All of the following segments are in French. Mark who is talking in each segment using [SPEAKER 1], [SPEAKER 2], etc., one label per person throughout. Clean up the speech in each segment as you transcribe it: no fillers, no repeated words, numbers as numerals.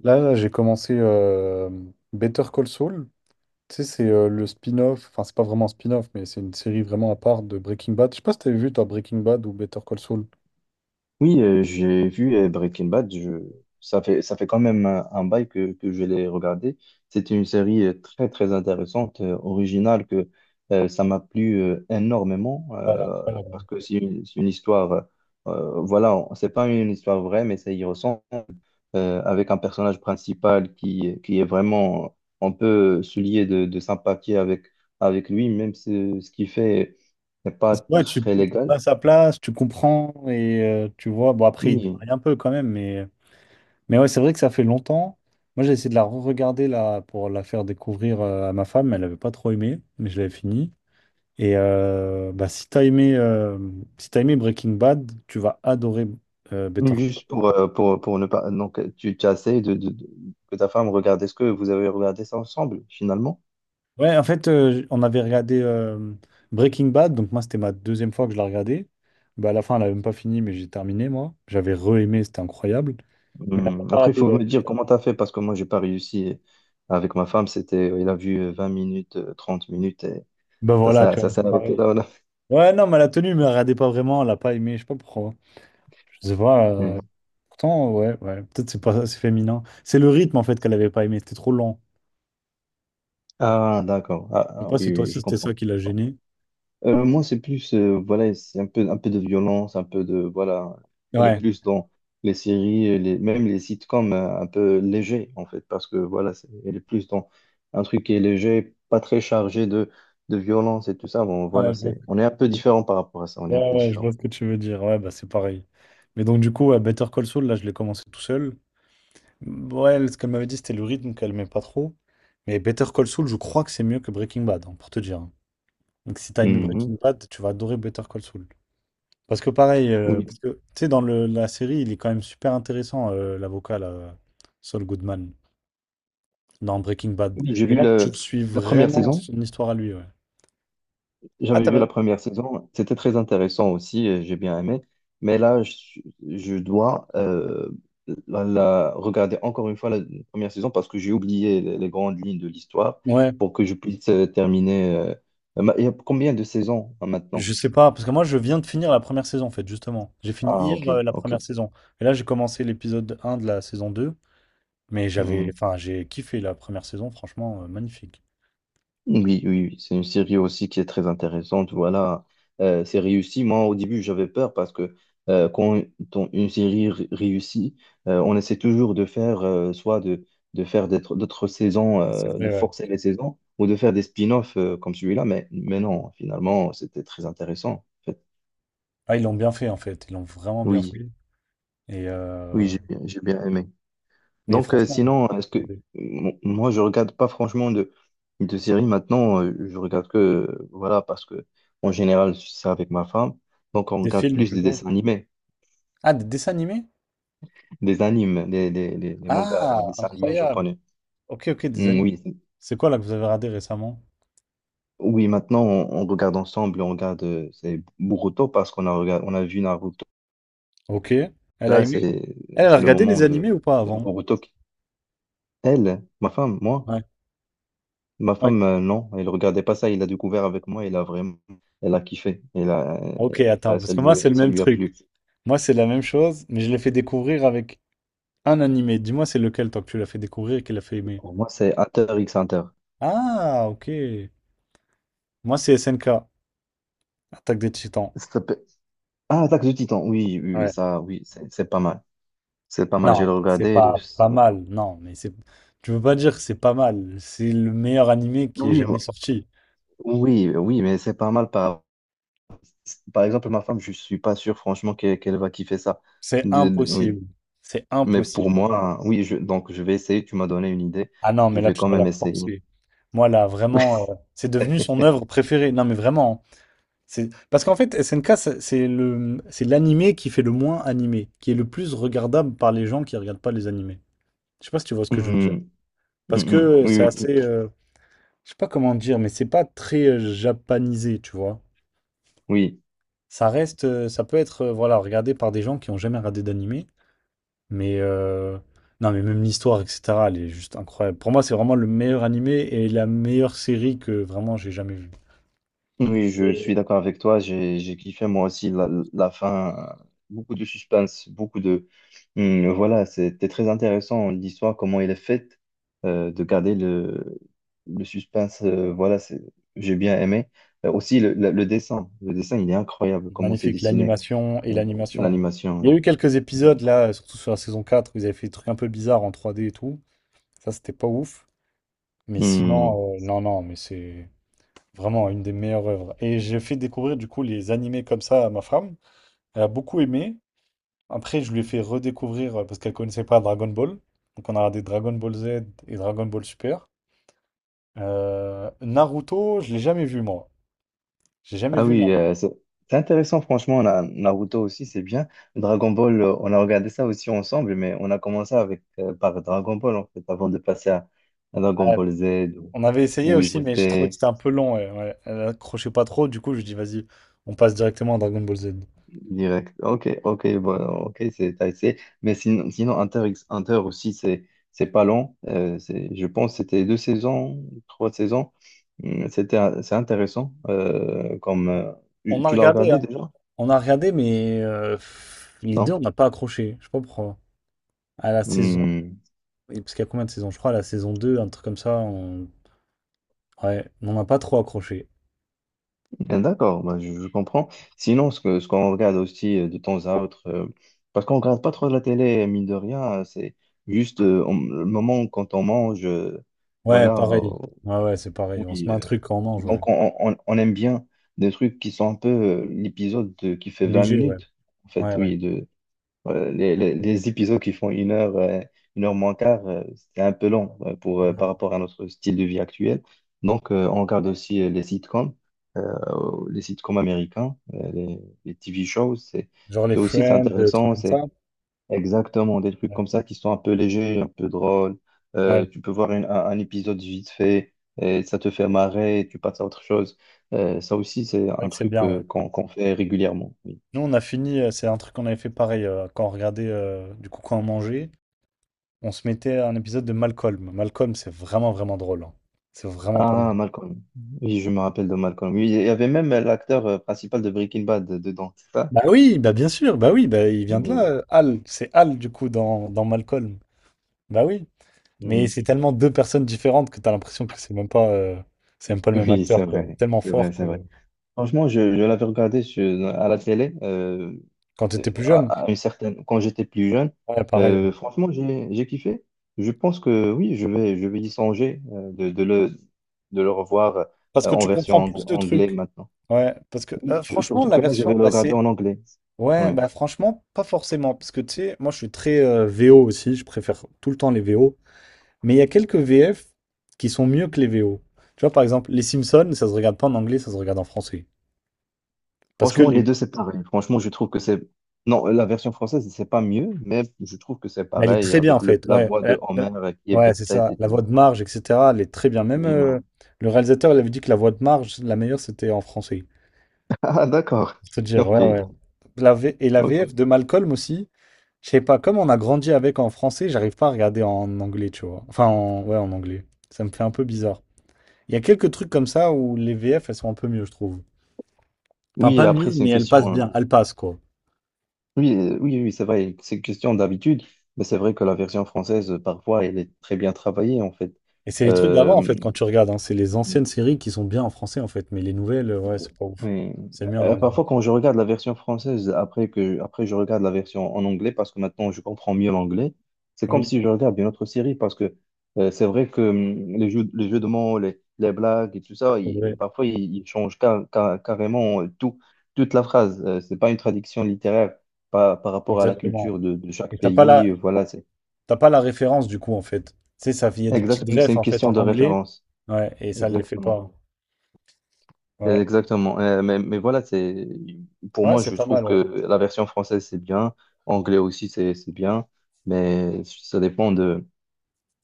[SPEAKER 1] Là, j'ai commencé Better Call Saul. Tu sais, c'est le spin-off, enfin, c'est pas vraiment un spin-off, mais c'est une série vraiment à part de Breaking Bad. Je sais pas si t'avais vu, toi, Breaking Bad ou Better Call Saul.
[SPEAKER 2] Oui, j'ai vu Breaking Bad. Ça fait quand même un bail que je l'ai regardé. C'était une série très, très intéressante, originale, que ça m'a plu énormément
[SPEAKER 1] Ouais, elle est
[SPEAKER 2] euh,
[SPEAKER 1] incroyable.
[SPEAKER 2] parce que c'est une histoire, voilà, c'est pas une histoire vraie, mais ça y ressemble, avec un personnage principal qui est vraiment, on peut se lier de sympathie avec lui, même si ce qu'il fait n'est pas
[SPEAKER 1] Parce que, ouais, tu,
[SPEAKER 2] très
[SPEAKER 1] tu
[SPEAKER 2] légal.
[SPEAKER 1] passes à place, tu comprends et tu vois. Bon, après, il
[SPEAKER 2] Oui.
[SPEAKER 1] déraille un peu quand même, mais ouais, c'est vrai que ça fait longtemps. Moi, j'ai essayé de la re-regarder là pour la faire découvrir à ma femme. Elle n'avait pas trop aimé, mais je l'avais fini. Et bah, si t'as aimé Breaking Bad, tu vas adorer Better.
[SPEAKER 2] Juste pour ne pas. Donc, tu as essayé que ta femme regarde. Est-ce que vous avez regardé ça ensemble, finalement?
[SPEAKER 1] Ouais, en fait, on avait regardé Breaking Bad, donc moi, c'était ma deuxième fois que je la regardais. Bah, à la fin, elle n'avait même pas fini, mais j'ai terminé, moi. J'avais re-aimé, c'était incroyable. Mais elle n'a pas
[SPEAKER 2] Après, il faut
[SPEAKER 1] raté.
[SPEAKER 2] me dire comment tu as fait, parce que moi, j'ai pas réussi, avec ma femme. C'était, il a vu 20 minutes, 30 minutes, et
[SPEAKER 1] Bah
[SPEAKER 2] ça,
[SPEAKER 1] voilà,
[SPEAKER 2] ça,
[SPEAKER 1] tu vois,
[SPEAKER 2] ça s'est
[SPEAKER 1] c'est
[SPEAKER 2] arrêté
[SPEAKER 1] pareil.
[SPEAKER 2] là, voilà.
[SPEAKER 1] Ouais, non, mais elle a tenu, mais elle regardait pas vraiment, elle n'a pas aimé, je sais pas pourquoi. Je sais pas,
[SPEAKER 2] Hum.
[SPEAKER 1] pourtant, ouais, ouais, peut-être c'est pas c'est féminin. C'est le rythme, en fait, qu'elle n'avait pas aimé, c'était trop lent.
[SPEAKER 2] Ah, d'accord. Ah,
[SPEAKER 1] Je sais
[SPEAKER 2] ah,
[SPEAKER 1] pas
[SPEAKER 2] oui,
[SPEAKER 1] si toi
[SPEAKER 2] oui,
[SPEAKER 1] aussi,
[SPEAKER 2] je
[SPEAKER 1] c'était ça
[SPEAKER 2] comprends.
[SPEAKER 1] qui l'a gêné.
[SPEAKER 2] Moi, c'est plus, voilà, c'est un peu de violence, un peu de, voilà, elle est
[SPEAKER 1] Ouais,
[SPEAKER 2] plus dans les séries, et les, même les sitcoms, un peu légers, en fait, parce que, voilà, elle est plus dans un truc qui est léger, pas très chargé de violence et tout ça. Bon, voilà,
[SPEAKER 1] ouais, je vois,
[SPEAKER 2] c'est, on est un peu différent par rapport à ça, on est un
[SPEAKER 1] ouais,
[SPEAKER 2] peu
[SPEAKER 1] ouais, je vois
[SPEAKER 2] différent.
[SPEAKER 1] ce que tu veux dire, ouais, bah c'est pareil. Mais donc, du coup, ouais, Better Call Saul, là, je l'ai commencé tout seul. Ouais, ce qu'elle m'avait dit, c'était le rythme qu'elle aimait pas trop. Mais Better Call Saul, je crois que c'est mieux que Breaking Bad, hein, pour te dire. Hein. Donc si t'as aimé Breaking
[SPEAKER 2] Mhm.
[SPEAKER 1] Bad, tu vas adorer Better Call Saul. Parce que pareil,
[SPEAKER 2] Oui,
[SPEAKER 1] tu sais, dans la série, il est quand même super intéressant, l'avocat, là, Saul Goodman, dans Breaking Bad.
[SPEAKER 2] oui, j'ai
[SPEAKER 1] Et
[SPEAKER 2] vu
[SPEAKER 1] là, tu le suis
[SPEAKER 2] la première
[SPEAKER 1] vraiment
[SPEAKER 2] saison.
[SPEAKER 1] son histoire à lui, ouais. Ah,
[SPEAKER 2] J'avais
[SPEAKER 1] t'as
[SPEAKER 2] vu
[SPEAKER 1] pas-
[SPEAKER 2] la première saison, c'était très intéressant aussi, et j'ai bien aimé. Mais là, je dois regarder encore une fois la première saison parce que j'ai oublié les grandes lignes de l'histoire
[SPEAKER 1] Ouais,
[SPEAKER 2] pour que je puisse terminer. Il y a combien de saisons, hein, maintenant?
[SPEAKER 1] je sais pas, parce que moi, je viens de finir la première saison, en fait, justement. J'ai fini
[SPEAKER 2] Ah,
[SPEAKER 1] hier,
[SPEAKER 2] ok,
[SPEAKER 1] la
[SPEAKER 2] ok.
[SPEAKER 1] première saison. Et là, j'ai commencé l'épisode un de la saison 2. Mais enfin, j'ai kiffé la première saison, franchement, magnifique.
[SPEAKER 2] Oui, oui, oui, c'est une série aussi qui est très intéressante. Voilà. C'est réussi. Moi, au début, j'avais peur parce que, quand une série réussit, on essaie toujours de faire soit de faire d'autres saisons,
[SPEAKER 1] Ah, c'est vrai,
[SPEAKER 2] de
[SPEAKER 1] ouais.
[SPEAKER 2] forcer les saisons, ou de faire des spin-offs, comme celui-là. Mais non, finalement, c'était très intéressant, en fait.
[SPEAKER 1] Ah, ils l'ont bien fait en fait, ils l'ont vraiment bien
[SPEAKER 2] Oui,
[SPEAKER 1] fait. Et
[SPEAKER 2] oui, j'ai bien aimé.
[SPEAKER 1] mais
[SPEAKER 2] Donc,
[SPEAKER 1] franchement, ouais,
[SPEAKER 2] sinon, est-ce que
[SPEAKER 1] pour des,
[SPEAKER 2] moi, je regarde pas franchement de séries maintenant. Je regarde que, voilà, parce que en général, c'est avec ma femme. Donc, on
[SPEAKER 1] des
[SPEAKER 2] regarde
[SPEAKER 1] films
[SPEAKER 2] plus des
[SPEAKER 1] plutôt.
[SPEAKER 2] dessins animés,
[SPEAKER 1] Ah, des dessins animés?
[SPEAKER 2] des animes, des mangas, des
[SPEAKER 1] Ah,
[SPEAKER 2] dessins animés
[SPEAKER 1] incroyable.
[SPEAKER 2] japonais.
[SPEAKER 1] Ok, ok, des
[SPEAKER 2] Mm,
[SPEAKER 1] animés.
[SPEAKER 2] oui,
[SPEAKER 1] C'est quoi là que vous avez regardé récemment?
[SPEAKER 2] oui, maintenant, on regarde ensemble, on regarde, c'est Boruto parce qu'on a vu Naruto.
[SPEAKER 1] Ok. Elle a
[SPEAKER 2] Là,
[SPEAKER 1] aimé?
[SPEAKER 2] c'est,
[SPEAKER 1] Elle a
[SPEAKER 2] c'est le
[SPEAKER 1] regardé les
[SPEAKER 2] moment de
[SPEAKER 1] animés ou pas
[SPEAKER 2] de
[SPEAKER 1] avant?
[SPEAKER 2] Boruto. Elle, ma femme, moi.
[SPEAKER 1] Ouais.
[SPEAKER 2] Ma
[SPEAKER 1] Ouais.
[SPEAKER 2] femme, non, elle regardait pas ça. Il a découvert avec moi. Elle a kiffé. Elle a,
[SPEAKER 1] Ok, attends,
[SPEAKER 2] ça,
[SPEAKER 1] parce
[SPEAKER 2] ça
[SPEAKER 1] que moi
[SPEAKER 2] lui,
[SPEAKER 1] c'est le
[SPEAKER 2] Ça
[SPEAKER 1] même
[SPEAKER 2] lui a
[SPEAKER 1] truc.
[SPEAKER 2] plu.
[SPEAKER 1] Moi c'est la même chose, mais je l'ai fait découvrir avec un animé. Dis-moi c'est lequel toi que tu l'as fait découvrir et qu'elle a fait aimer.
[SPEAKER 2] Pour moi, c'est Hunter x Hunter.
[SPEAKER 1] Ah, ok. Moi, c'est SNK, Attaque des Titans.
[SPEAKER 2] Ça s'appelle- Ah, Attaque du Titan. Oui, oui, oui,
[SPEAKER 1] Ouais.
[SPEAKER 2] ça, oui, c'est pas mal. C'est pas mal.
[SPEAKER 1] Non,
[SPEAKER 2] J'ai
[SPEAKER 1] ah, c'est
[SPEAKER 2] regardé.
[SPEAKER 1] pas pas mal. Non, mais c'est. Tu veux pas dire que c'est pas mal. C'est le meilleur animé qui est
[SPEAKER 2] Oui,
[SPEAKER 1] jamais sorti.
[SPEAKER 2] oui, oui, mais c'est pas mal. Par exemple, ma femme, je suis pas sûr, franchement, qu'elle va kiffer ça.
[SPEAKER 1] C'est
[SPEAKER 2] Oui,
[SPEAKER 1] impossible. C'est
[SPEAKER 2] mais pour
[SPEAKER 1] impossible.
[SPEAKER 2] moi, oui. Donc, je vais essayer. Tu m'as donné une idée.
[SPEAKER 1] Ah non,
[SPEAKER 2] Je
[SPEAKER 1] mais là,
[SPEAKER 2] vais
[SPEAKER 1] tu
[SPEAKER 2] quand
[SPEAKER 1] dois la
[SPEAKER 2] même essayer.
[SPEAKER 1] forcer. Moi, là, vraiment, c'est devenu son œuvre préférée. Non, mais vraiment. Hein. C'est parce qu'en fait, SNK, c'est l'animé qui fait le moins animé, qui est le plus regardable par les gens qui regardent pas les animés. Je sais pas si tu vois ce que je veux dire.
[SPEAKER 2] Mhm,
[SPEAKER 1] Parce
[SPEAKER 2] mhm,
[SPEAKER 1] que
[SPEAKER 2] oui,
[SPEAKER 1] c'est
[SPEAKER 2] oui. Oui.
[SPEAKER 1] assez. Je sais pas comment dire, mais c'est pas très japanisé, tu vois.
[SPEAKER 2] Oui.
[SPEAKER 1] Ça reste, ça peut être, voilà, regardé par des gens qui ont jamais regardé d'animé, mais non, mais même l'histoire, etc., elle est juste incroyable. Pour moi, c'est vraiment le meilleur animé et la meilleure série que vraiment j'ai jamais vue.
[SPEAKER 2] Oui, je suis
[SPEAKER 1] Et
[SPEAKER 2] d'accord avec toi. J'ai kiffé moi aussi la fin. Beaucoup de suspense, beaucoup de. Voilà, c'était très intéressant l'histoire, comment elle est faite, de garder le suspense. Voilà, c'est, j'ai bien aimé. Aussi, le dessin. Le dessin, il est incroyable, comment c'est
[SPEAKER 1] magnifique,
[SPEAKER 2] dessiné, euh,
[SPEAKER 1] l'animation. Ouais. Il y a eu
[SPEAKER 2] l'animation.
[SPEAKER 1] quelques épisodes là, surtout sur la saison 4, où ils avaient fait des trucs un peu bizarres en 3D et tout. Ça, c'était pas ouf. Mais
[SPEAKER 2] Hum.
[SPEAKER 1] sinon, non, non, mais c'est vraiment, une des meilleures œuvres. Et j'ai fait découvrir du coup les animés comme ça à ma femme. Elle a beaucoup aimé. Après, je lui ai fait redécouvrir, parce qu'elle connaissait pas Dragon Ball. Donc on a regardé Dragon Ball Z et Dragon Ball Super. Naruto, je l'ai jamais vu moi. J'ai jamais
[SPEAKER 2] Ah
[SPEAKER 1] vu
[SPEAKER 2] oui,
[SPEAKER 1] Naruto.
[SPEAKER 2] c'est intéressant, franchement. Naruto aussi, c'est bien. Dragon Ball, on a regardé ça aussi ensemble, mais on a commencé avec, par Dragon Ball, en fait, avant de passer à Dragon
[SPEAKER 1] Ouais,
[SPEAKER 2] Ball Z ou,
[SPEAKER 1] on avait essayé
[SPEAKER 2] ou
[SPEAKER 1] aussi, mais je trouvais que
[SPEAKER 2] j'étais
[SPEAKER 1] c'était un peu long. Ouais, ouais. Elle accrochait pas trop. Du coup, je dis vas-y, on passe directement à Dragon Ball Z.
[SPEAKER 2] direct. Ok, ok, bon, ok, c'est t'as essayé. Mais sinon Hunter x Hunter aussi, c'est pas long. C'est, je pense que c'était deux saisons, trois saisons. C'était, c'est intéressant. Comme,
[SPEAKER 1] On
[SPEAKER 2] tu
[SPEAKER 1] a
[SPEAKER 2] tu l'as
[SPEAKER 1] regardé,
[SPEAKER 2] regardé
[SPEAKER 1] hein.
[SPEAKER 2] déjà?
[SPEAKER 1] On a regardé, mais les deux,
[SPEAKER 2] Non?
[SPEAKER 1] on n'a pas accroché. Je sais pas pourquoi. À la saison
[SPEAKER 2] Hum.
[SPEAKER 1] Et parce qu'il y a combien de saisons? Je crois la saison 2 un truc comme ça, on... Ouais, on n'a pas trop accroché.
[SPEAKER 2] Bien, d'accord, bah, je comprends. Sinon, ce qu'on regarde aussi, de temps à autre, parce qu'on regarde pas trop la télé, mine de rien, c'est juste le moment quand on mange,
[SPEAKER 1] Ouais,
[SPEAKER 2] voilà,
[SPEAKER 1] pareil. Ouais, ouais, c'est pareil. On se
[SPEAKER 2] oui.
[SPEAKER 1] met un truc quand on mange, ouais.
[SPEAKER 2] Donc, on aime bien des trucs qui sont un peu, qui fait 20
[SPEAKER 1] Léger, ouais.
[SPEAKER 2] minutes, en fait,
[SPEAKER 1] Ouais, ouais.
[SPEAKER 2] oui, les épisodes qui font une heure moins quart, c'est un peu long, pour, par
[SPEAKER 1] Ouais.
[SPEAKER 2] rapport à notre style de vie actuel. Donc, on regarde aussi euh, les sitcoms américains, les TV shows. C'est,
[SPEAKER 1] Genre les
[SPEAKER 2] c'est aussi, c'est
[SPEAKER 1] Friends, des trucs
[SPEAKER 2] intéressant.
[SPEAKER 1] comme ça.
[SPEAKER 2] C'est exactement des trucs
[SPEAKER 1] Ouais,
[SPEAKER 2] comme ça qui sont un peu légers, un peu drôles.
[SPEAKER 1] ouais.
[SPEAKER 2] Tu peux voir un épisode vite fait et ça te fait marrer et tu passes à autre chose. Ça aussi, c'est
[SPEAKER 1] C'est vrai
[SPEAKER 2] un
[SPEAKER 1] que c'est
[SPEAKER 2] truc
[SPEAKER 1] bien, ouais.
[SPEAKER 2] euh, qu'on fait régulièrement.
[SPEAKER 1] Nous, on a fini, c'est un truc qu'on avait fait pareil, quand on regardait, du coup, quand on mangeait, on se mettait un épisode de Malcolm. Malcolm, c'est vraiment, vraiment drôle. Hein. C'est vraiment pas mal.
[SPEAKER 2] Ah, Malcolm. Oui, je me rappelle de Malcolm. Oui, il y avait même l'acteur, principal de Breaking Bad dedans, c'est ça?
[SPEAKER 1] Bah oui, bah bien sûr, bah oui, bah il vient de là,
[SPEAKER 2] Oui.
[SPEAKER 1] Hal. C'est Hal, du coup, dans Malcolm. Bah oui. Mais
[SPEAKER 2] Mhm.
[SPEAKER 1] c'est tellement deux personnes différentes que tu as l'impression que c'est même pas le même
[SPEAKER 2] Oui,
[SPEAKER 1] acteur,
[SPEAKER 2] c'est
[SPEAKER 1] quoi. Il est
[SPEAKER 2] vrai.
[SPEAKER 1] tellement
[SPEAKER 2] C'est
[SPEAKER 1] fort
[SPEAKER 2] vrai, c'est
[SPEAKER 1] que
[SPEAKER 2] vrai. Franchement, je l'avais regardé à la télé,
[SPEAKER 1] quand tu étais plus jeune,
[SPEAKER 2] à une certaine, quand j'étais plus jeune.
[SPEAKER 1] ouais, pareil. Ouais.
[SPEAKER 2] Franchement, j'ai kiffé. Je pense que oui, je vais y songer, de le revoir,
[SPEAKER 1] Parce que
[SPEAKER 2] en
[SPEAKER 1] tu
[SPEAKER 2] version
[SPEAKER 1] comprends plus de
[SPEAKER 2] anglais
[SPEAKER 1] trucs.
[SPEAKER 2] maintenant.
[SPEAKER 1] Ouais, parce que
[SPEAKER 2] Oui,
[SPEAKER 1] franchement,
[SPEAKER 2] surtout
[SPEAKER 1] la
[SPEAKER 2] que là, je vais
[SPEAKER 1] version,
[SPEAKER 2] le
[SPEAKER 1] bah,
[SPEAKER 2] regarder
[SPEAKER 1] c'est,
[SPEAKER 2] en anglais.
[SPEAKER 1] ouais,
[SPEAKER 2] Oui.
[SPEAKER 1] bah franchement, pas forcément, parce que tu sais, moi je suis très VO aussi, je préfère tout le temps les VO, mais il y a quelques VF qui sont mieux que les VO. Tu vois, par exemple, les Simpsons, ça se regarde pas en anglais, ça se regarde en français. Parce que
[SPEAKER 2] Franchement, les
[SPEAKER 1] les,
[SPEAKER 2] deux, c'est... Ah, pareil. Franchement, je trouve que c'est... Non, la version française, c'est pas mieux, mais je trouve que c'est
[SPEAKER 1] Mais elle est
[SPEAKER 2] pareil
[SPEAKER 1] très bien en
[SPEAKER 2] avec
[SPEAKER 1] fait.
[SPEAKER 2] la
[SPEAKER 1] Ouais,
[SPEAKER 2] voix de Homer qui est bien
[SPEAKER 1] ouais, c'est
[SPEAKER 2] faite
[SPEAKER 1] ça.
[SPEAKER 2] et
[SPEAKER 1] La
[SPEAKER 2] tout.
[SPEAKER 1] voix de Marge, etc. Elle est très bien. Même
[SPEAKER 2] Oui, ben.
[SPEAKER 1] le réalisateur, il avait dit que la voix de Marge, la meilleure, c'était en français.
[SPEAKER 2] Ah, d'accord.
[SPEAKER 1] C'est dire, ouais,
[SPEAKER 2] Ok,
[SPEAKER 1] ouais. Et la VF
[SPEAKER 2] ok.
[SPEAKER 1] de Malcolm aussi. Je sais pas, comme on a grandi avec en français, j'arrive pas à regarder en anglais, tu vois. Enfin, ouais, en anglais. Ça me fait un peu bizarre. Il y a quelques trucs comme ça où les VF, elles sont un peu mieux, je trouve. Enfin,
[SPEAKER 2] Oui,
[SPEAKER 1] pas
[SPEAKER 2] après,
[SPEAKER 1] mieux,
[SPEAKER 2] c'est
[SPEAKER 1] mais
[SPEAKER 2] une
[SPEAKER 1] elles
[SPEAKER 2] question...
[SPEAKER 1] passent bien. Elles passent, quoi.
[SPEAKER 2] Oui, oui, oui, c'est vrai, c'est une question d'habitude, mais c'est vrai que la version française, parfois, elle est très bien travaillée, en fait.
[SPEAKER 1] Et c'est les trucs d'avant, en fait,
[SPEAKER 2] Euh,
[SPEAKER 1] quand tu regardes. Hein. C'est les anciennes séries qui sont bien en français, en fait. Mais les nouvelles, ouais, c'est pas ouf.
[SPEAKER 2] Oui.
[SPEAKER 1] C'est mieux en anglais.
[SPEAKER 2] Parfois, quand je regarde la version française, après je regarde la version en anglais, parce que maintenant je comprends mieux l'anglais, c'est comme
[SPEAKER 1] Oui,
[SPEAKER 2] si je regarde une autre série, parce que c'est vrai que les jeux de mots, les blagues et tout ça,
[SPEAKER 1] c'est vrai,
[SPEAKER 2] parfois ils changent carrément toute la phrase. C'est pas une traduction littéraire par rapport à la
[SPEAKER 1] exactement.
[SPEAKER 2] culture de chaque
[SPEAKER 1] Et t'as pas la,
[SPEAKER 2] pays. Voilà, c'est
[SPEAKER 1] référence du coup en fait. Tu sais, ça, il y a des petites
[SPEAKER 2] exactement, c'est
[SPEAKER 1] refs
[SPEAKER 2] une
[SPEAKER 1] en fait en
[SPEAKER 2] question de
[SPEAKER 1] anglais.
[SPEAKER 2] référence.
[SPEAKER 1] Ouais, et ça les fait
[SPEAKER 2] Exactement.
[SPEAKER 1] pas. Ouais,
[SPEAKER 2] Exactement. Mais voilà, c'est, pour
[SPEAKER 1] ouais,
[SPEAKER 2] moi,
[SPEAKER 1] c'est
[SPEAKER 2] je
[SPEAKER 1] pas
[SPEAKER 2] trouve
[SPEAKER 1] mal.
[SPEAKER 2] que
[SPEAKER 1] Ouais.
[SPEAKER 2] la version française, c'est bien. Anglais aussi, c'est bien. Mais ça dépend de,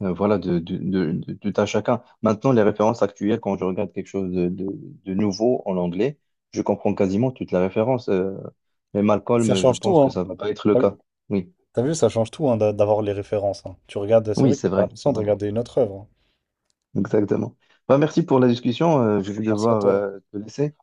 [SPEAKER 2] voilà, de tout à chacun. Maintenant, les références actuelles, quand je regarde quelque chose de nouveau en anglais, je comprends quasiment toutes les références. Mais
[SPEAKER 1] Ça
[SPEAKER 2] Malcolm, je
[SPEAKER 1] change tout,
[SPEAKER 2] pense que
[SPEAKER 1] hein.
[SPEAKER 2] ça va pas être le
[SPEAKER 1] T'as vu,
[SPEAKER 2] cas. Oui,
[SPEAKER 1] T'as vu, ça change tout hein, d'avoir les références. Hein. Tu regardes, c'est
[SPEAKER 2] oui,
[SPEAKER 1] vrai que
[SPEAKER 2] c'est
[SPEAKER 1] t'as
[SPEAKER 2] vrai,
[SPEAKER 1] l'impression
[SPEAKER 2] c'est
[SPEAKER 1] de
[SPEAKER 2] vrai.
[SPEAKER 1] regarder une autre œuvre. Hein.
[SPEAKER 2] Exactement. Bah, merci pour la discussion. Je vais
[SPEAKER 1] Merci à
[SPEAKER 2] devoir
[SPEAKER 1] toi.
[SPEAKER 2] te laisser.